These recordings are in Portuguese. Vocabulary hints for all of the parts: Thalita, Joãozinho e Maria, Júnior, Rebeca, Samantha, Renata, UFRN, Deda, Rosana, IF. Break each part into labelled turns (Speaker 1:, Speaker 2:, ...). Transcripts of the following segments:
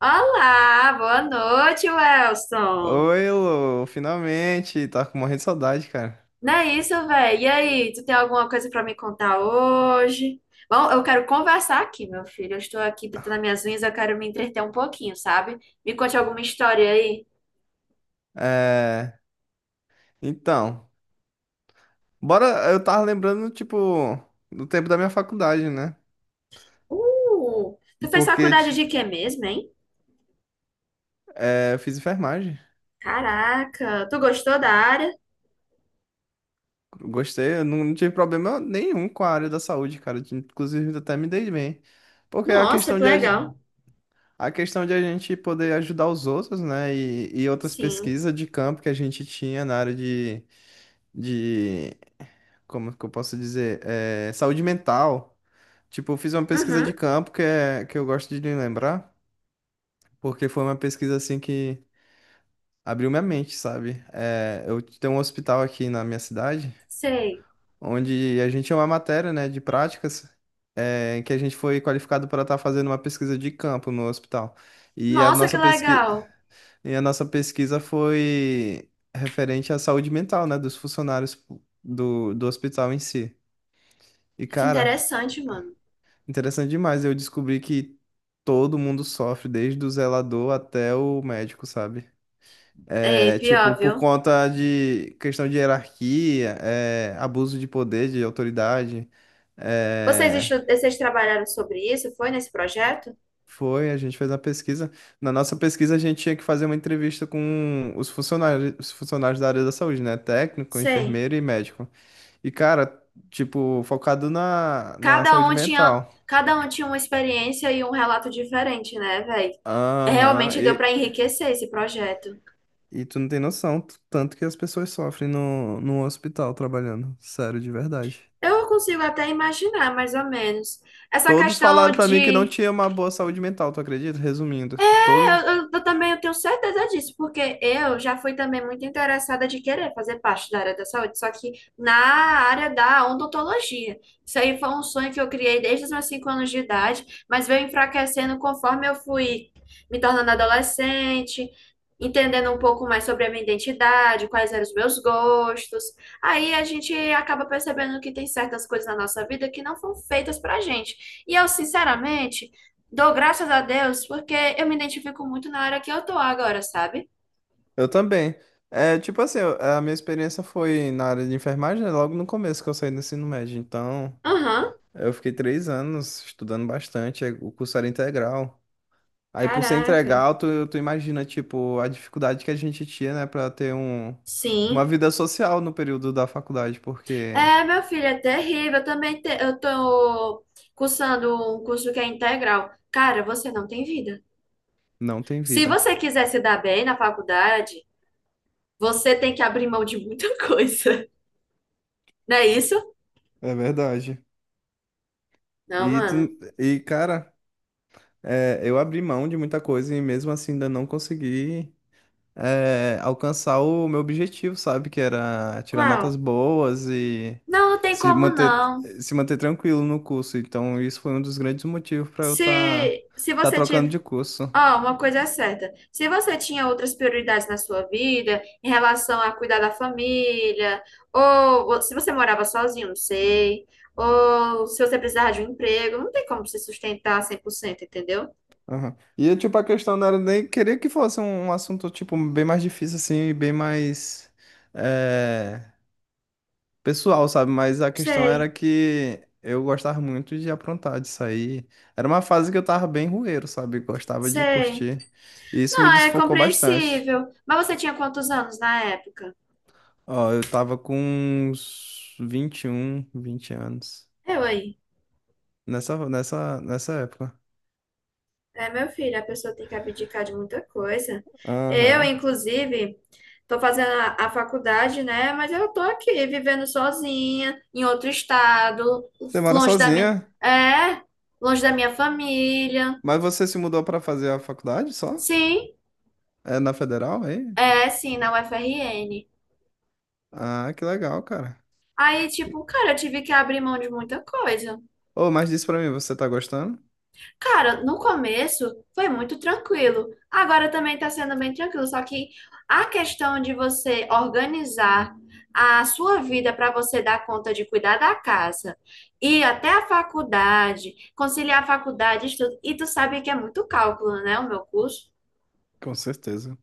Speaker 1: Olá, boa noite, Welson.
Speaker 2: Oi, Lu, finalmente, tava morrendo de saudade, cara.
Speaker 1: Não é isso, velho? E aí, tu tem alguma coisa pra me contar hoje? Bom, eu quero conversar aqui, meu filho. Eu estou aqui pintando minhas unhas, eu quero me entreter um pouquinho, sabe? Me conte alguma história aí.
Speaker 2: É, então, bora, eu tava lembrando, tipo, do tempo da minha faculdade, né?
Speaker 1: Tu fez
Speaker 2: Porque
Speaker 1: faculdade de quê mesmo, hein?
Speaker 2: é, eu fiz enfermagem,
Speaker 1: Caraca, tu gostou da área?
Speaker 2: gostei, eu não tive problema nenhum com a área da saúde, cara, inclusive até me dei bem. Porque
Speaker 1: Nossa, que legal.
Speaker 2: a questão de a gente poder ajudar os outros, né, e outras
Speaker 1: Sim.
Speaker 2: pesquisas de campo que a gente tinha na área de, como que eu posso dizer, saúde mental. Tipo, eu fiz uma pesquisa de
Speaker 1: Uhum,
Speaker 2: campo que eu gosto de lembrar, porque foi uma pesquisa assim que abriu minha mente, sabe? É, eu tenho um hospital aqui na minha cidade,
Speaker 1: sei.
Speaker 2: onde a gente tinha uma matéria, né, de práticas, em que a gente foi qualificado para estar fazendo uma pesquisa de campo no hospital. E a
Speaker 1: Nossa, que
Speaker 2: nossa pesqui...
Speaker 1: legal.
Speaker 2: e a nossa pesquisa foi referente à saúde mental, né, dos funcionários do hospital em si. E,
Speaker 1: Que
Speaker 2: cara,
Speaker 1: interessante, mano.
Speaker 2: interessante demais. Eu descobri que todo mundo sofre, desde o zelador até o médico, sabe? É,
Speaker 1: Ei,
Speaker 2: tipo,
Speaker 1: pior,
Speaker 2: por
Speaker 1: viu?
Speaker 2: conta de questão de hierarquia, abuso de poder, de autoridade.
Speaker 1: Vocês,
Speaker 2: É,
Speaker 1: estu- vocês trabalharam sobre isso? Foi nesse projeto?
Speaker 2: foi, a gente fez uma pesquisa. Na nossa pesquisa, a gente tinha que fazer uma entrevista com os funcionários da área da saúde, né? Técnico,
Speaker 1: Sei.
Speaker 2: enfermeiro e médico. E, cara, tipo, focado na
Speaker 1: Cada
Speaker 2: saúde
Speaker 1: um tinha,
Speaker 2: mental.
Speaker 1: cada um tinha uma experiência e um relato diferente, né, velho?
Speaker 2: Aham.
Speaker 1: Realmente deu
Speaker 2: e-
Speaker 1: para enriquecer esse projeto.
Speaker 2: E tu não tem noção, tanto que as pessoas sofrem no hospital trabalhando. Sério, de verdade.
Speaker 1: Eu consigo até imaginar, mais ou menos. Essa
Speaker 2: Todos
Speaker 1: questão
Speaker 2: falaram pra mim que não
Speaker 1: de.
Speaker 2: tinha uma boa saúde mental, tu acredita? Resumindo,
Speaker 1: É,
Speaker 2: todos.
Speaker 1: eu também eu tenho certeza disso, porque eu já fui também muito interessada de querer fazer parte da área da saúde, só que na área da odontologia. Isso aí foi um sonho que eu criei desde os meus 5 anos de idade, mas veio enfraquecendo conforme eu fui me tornando adolescente, entendendo um pouco mais sobre a minha identidade, quais eram os meus gostos. Aí a gente acaba percebendo que tem certas coisas na nossa vida que não foram feitas pra gente. E eu, sinceramente, dou graças a Deus porque eu me identifico muito na área que eu tô agora, sabe?
Speaker 2: Eu também. É, tipo assim, a minha experiência foi na área de enfermagem, né, logo no começo que eu saí do ensino médio. Então,
Speaker 1: Aham,
Speaker 2: eu fiquei 3 anos estudando bastante, o curso era integral. Aí, por ser
Speaker 1: caraca.
Speaker 2: integral, tu imagina, tipo, a dificuldade que a gente tinha, né, pra ter uma
Speaker 1: Sim.
Speaker 2: vida social no período da faculdade, porque.
Speaker 1: É, meu filho, é terrível. Eu também te- eu tô cursando um curso que é integral. Cara, você não tem vida.
Speaker 2: Não tem
Speaker 1: Se
Speaker 2: vida.
Speaker 1: você quiser se dar bem na faculdade, você tem que abrir mão de muita coisa. Não é isso?
Speaker 2: É verdade.
Speaker 1: Não,
Speaker 2: E, tu,
Speaker 1: mano.
Speaker 2: e, cara, eu abri mão de muita coisa e mesmo assim ainda não consegui alcançar o meu objetivo, sabe? Que era tirar
Speaker 1: Qual?
Speaker 2: notas boas e
Speaker 1: Não, não tem
Speaker 2: se
Speaker 1: como
Speaker 2: manter,
Speaker 1: não.
Speaker 2: se manter tranquilo no curso. Então, isso foi um dos grandes motivos para eu estar tá,
Speaker 1: Se
Speaker 2: tá
Speaker 1: você
Speaker 2: trocando
Speaker 1: tiver.
Speaker 2: de curso.
Speaker 1: Ó, uma coisa é certa. Se você tinha outras prioridades na sua vida, em relação a cuidar da família, ou se você morava sozinho, não sei, ou se você precisava de um emprego, não tem como se sustentar 100%, entendeu?
Speaker 2: Aham. E, tipo, a questão não era nem queria que fosse um assunto, tipo, bem mais difícil, assim, e bem mais. é, pessoal, sabe? Mas a questão era
Speaker 1: Sei,
Speaker 2: que eu gostava muito de aprontar, de sair. Era uma fase que eu tava bem rueiro, sabe? Gostava de
Speaker 1: sei.
Speaker 2: curtir. E isso
Speaker 1: Não,
Speaker 2: me
Speaker 1: é
Speaker 2: desfocou bastante.
Speaker 1: compreensível. Mas você tinha quantos anos na época?
Speaker 2: Ó, eu tava com uns 21, 20 anos.
Speaker 1: Eu aí.
Speaker 2: Nessa época.
Speaker 1: É, meu filho, a pessoa tem que abdicar de muita coisa. Eu,
Speaker 2: Aham.
Speaker 1: inclusive, estou fazendo a faculdade, né? Mas eu tô aqui vivendo sozinha, em outro estado,
Speaker 2: Você mora
Speaker 1: longe da minha,
Speaker 2: sozinha,
Speaker 1: é, longe da minha família.
Speaker 2: mas você se mudou pra fazer a faculdade só?
Speaker 1: Sim,
Speaker 2: É na Federal, é aí?
Speaker 1: é, sim, na UFRN.
Speaker 2: Ah, que legal, cara.
Speaker 1: Aí, tipo, cara, eu tive que abrir mão de muita coisa.
Speaker 2: Ô, mas diz pra mim, você tá gostando?
Speaker 1: Cara, no começo foi muito tranquilo. Agora também tá sendo bem tranquilo. Só que a questão de você organizar a sua vida para você dar conta de cuidar da casa, ir até a faculdade, conciliar a faculdade, estudo, e tu sabe que é muito cálculo, né? O meu curso.
Speaker 2: Com certeza.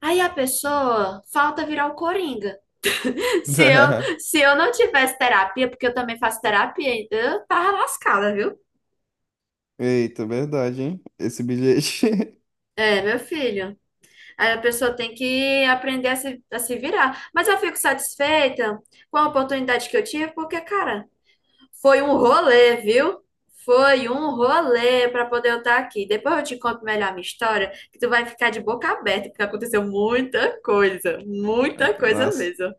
Speaker 1: Aí a pessoa falta virar o coringa. Se eu, se eu não tivesse terapia, porque eu também faço terapia, eu tava lascada, viu?
Speaker 2: Eita, verdade, hein? Esse bilhete.
Speaker 1: É, meu filho. Aí a pessoa tem que aprender a se virar. Mas eu fico satisfeita com a oportunidade que eu tive, porque, cara, foi um rolê, viu? Foi um rolê para poder eu estar aqui. Depois eu te conto melhor a minha história, que tu vai ficar de boca aberta, porque aconteceu muita coisa
Speaker 2: Nossa,
Speaker 1: mesmo.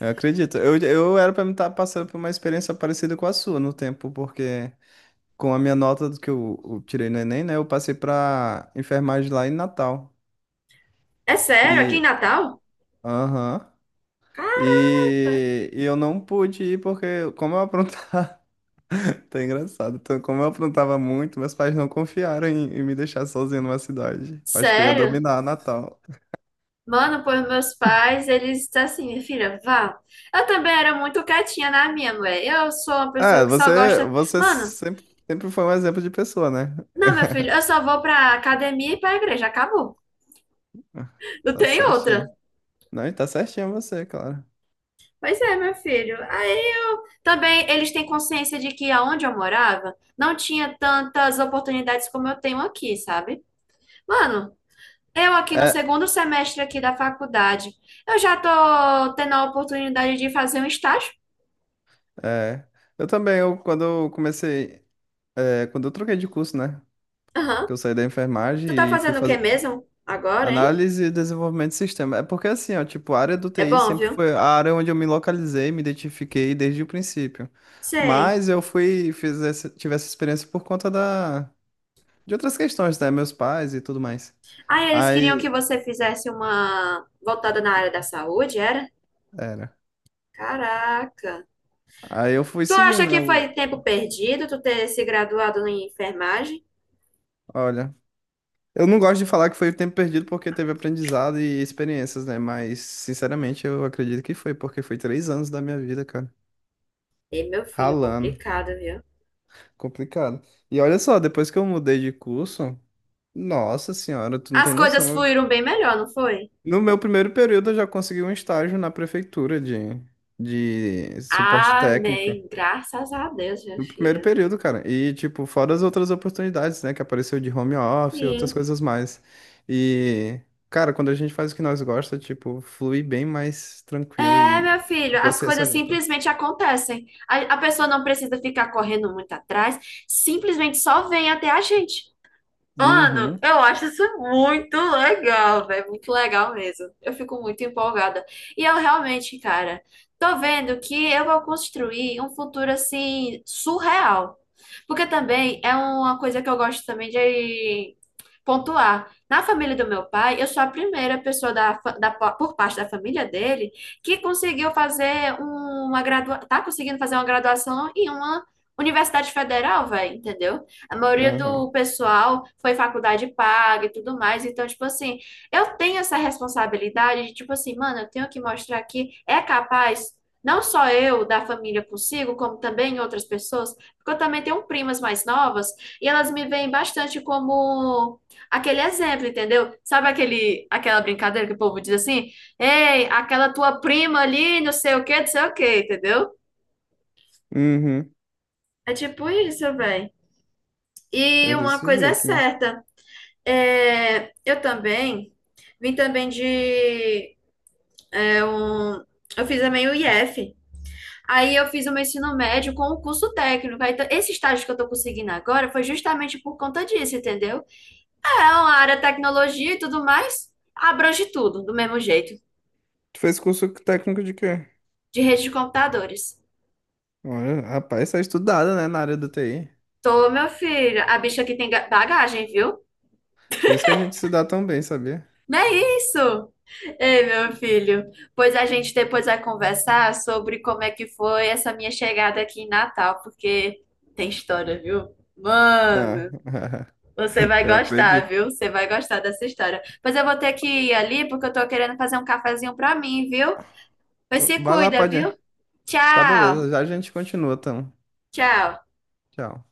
Speaker 2: eu acredito. Eu era pra me estar passando por uma experiência parecida com a sua no tempo, porque com a minha nota do que eu tirei no Enem, né? Eu passei pra enfermagem lá em Natal.
Speaker 1: É sério, aqui em
Speaker 2: E.
Speaker 1: Natal?
Speaker 2: Aham.
Speaker 1: Caraca,
Speaker 2: E eu não pude ir porque, como eu aprontava. Tá engraçado. Então, como eu aprontava muito, meus pais não confiaram em me deixar sozinho numa cidade. Acho que eu ia
Speaker 1: sério?
Speaker 2: dominar Natal.
Speaker 1: Mano, pois meus pais, eles estão assim, minha filha, vá. Eu também era muito quietinha na minha, mulher. Eu sou uma pessoa
Speaker 2: Ah,
Speaker 1: que só gosta.
Speaker 2: você
Speaker 1: Mano,
Speaker 2: sempre. Sempre foi um exemplo de pessoa, né?
Speaker 1: não, meu filho, eu só vou pra academia e pra igreja, acabou. Não
Speaker 2: Tá
Speaker 1: tem outra.
Speaker 2: certinho. Não, e tá certinho você, claro.
Speaker 1: Pois é, meu filho. Aí eu também eles têm consciência de que aonde eu morava não tinha tantas oportunidades como eu tenho aqui, sabe? Mano, eu aqui no
Speaker 2: É,
Speaker 1: segundo semestre aqui da faculdade, eu já tô tendo a oportunidade de fazer um estágio.
Speaker 2: é. Eu também, quando eu comecei, quando eu troquei de curso, né?
Speaker 1: Aham.
Speaker 2: Que eu saí da enfermagem
Speaker 1: Tu tá
Speaker 2: e fui
Speaker 1: fazendo o que
Speaker 2: fazer
Speaker 1: mesmo agora, hein?
Speaker 2: análise e desenvolvimento de sistema. É porque assim, ó, tipo, a área do
Speaker 1: É
Speaker 2: TI
Speaker 1: bom,
Speaker 2: sempre
Speaker 1: viu?
Speaker 2: foi a área onde eu me localizei, me identifiquei desde o princípio.
Speaker 1: Sei.
Speaker 2: Mas eu fui, fiz essa, tive essa experiência por conta de outras questões, né? Meus pais e tudo mais.
Speaker 1: Aí eles queriam que
Speaker 2: Aí,
Speaker 1: você fizesse uma voltada na área da saúde, era?
Speaker 2: era.
Speaker 1: Caraca.
Speaker 2: Aí eu fui
Speaker 1: Tu acha
Speaker 2: seguindo, né?
Speaker 1: que foi tempo perdido tu ter se graduado em enfermagem?
Speaker 2: Olha. Eu não gosto de falar que foi tempo perdido porque teve aprendizado e experiências, né? Mas, sinceramente, eu acredito que foi, porque foi 3 anos da minha vida, cara.
Speaker 1: Ei, meu filho,
Speaker 2: Ralando.
Speaker 1: complicado, viu?
Speaker 2: Complicado. E olha só, depois que eu mudei de curso, nossa senhora, tu não tem
Speaker 1: As coisas
Speaker 2: noção.
Speaker 1: fluíram bem melhor, não foi?
Speaker 2: No meu primeiro período, eu já consegui um estágio na prefeitura de suporte técnico.
Speaker 1: Amém. Graças a Deus, meu
Speaker 2: No primeiro
Speaker 1: filho.
Speaker 2: período, cara. E, tipo, fora as outras oportunidades, né? Que apareceu de home office e outras
Speaker 1: Sim.
Speaker 2: coisas mais. E, cara, quando a gente faz o que nós gosta, tipo, flui bem mais tranquilo
Speaker 1: É,
Speaker 2: e
Speaker 1: meu filho, as
Speaker 2: consciência
Speaker 1: coisas
Speaker 2: limpa.
Speaker 1: simplesmente acontecem. A pessoa não precisa ficar correndo muito atrás, simplesmente só vem até a gente. Mano,
Speaker 2: Uhum,
Speaker 1: eu acho isso muito legal, velho. Muito legal mesmo. Eu fico muito empolgada. E eu realmente, cara, tô vendo que eu vou construir um futuro assim surreal. Porque também é uma coisa que eu gosto também de pontuar. Na família do meu pai, eu sou a primeira pessoa da, fa- da, pa- por parte da família dele que conseguiu tá conseguindo fazer uma graduação em uma universidade federal, velho, entendeu? A maioria
Speaker 2: aham,
Speaker 1: do pessoal foi faculdade paga e tudo mais. Então, tipo assim, eu tenho essa responsabilidade de, tipo assim, mano, eu tenho que mostrar que é capaz, não só eu da família consigo, como também outras pessoas, porque eu também tenho primas mais novas e elas me veem bastante como aquele exemplo, entendeu? Sabe aquela brincadeira que o povo diz assim? Ei, aquela tua prima ali, não sei o quê, não sei o quê, entendeu?
Speaker 2: uhum.
Speaker 1: É tipo isso, velho. E
Speaker 2: É
Speaker 1: uma
Speaker 2: desse
Speaker 1: coisa é
Speaker 2: jeito mesmo.
Speaker 1: certa. É, eu também vim também de. é, um, eu fiz também o IF. Aí eu fiz o meu ensino médio com o curso técnico. Aí, esse estágio que eu tô conseguindo agora foi justamente por conta disso, entendeu? É uma área tecnologia e tudo mais, abrange tudo do mesmo jeito,
Speaker 2: Tu fez curso técnico de quê?
Speaker 1: de rede de computadores.
Speaker 2: Olha, rapaz, tá estudada, né, na área do TI.
Speaker 1: Tô, meu filho, a bicha aqui tem bagagem, viu?
Speaker 2: Por isso que a gente se dá tão bem, sabia?
Speaker 1: Não é isso? Ei, meu filho, pois a gente depois vai conversar sobre como é que foi essa minha chegada aqui em Natal, porque tem história, viu?
Speaker 2: Ah,
Speaker 1: Mano, você vai
Speaker 2: eu
Speaker 1: gostar,
Speaker 2: acredito.
Speaker 1: viu? Você vai gostar dessa história. Pois eu vou ter que ir ali, porque eu tô querendo fazer um cafezinho pra mim, viu? Pois se
Speaker 2: Vai lá,
Speaker 1: cuida, viu?
Speaker 2: Padinha. Tá,
Speaker 1: Tchau,
Speaker 2: beleza. Já a gente continua, então.
Speaker 1: tchau.
Speaker 2: Tchau.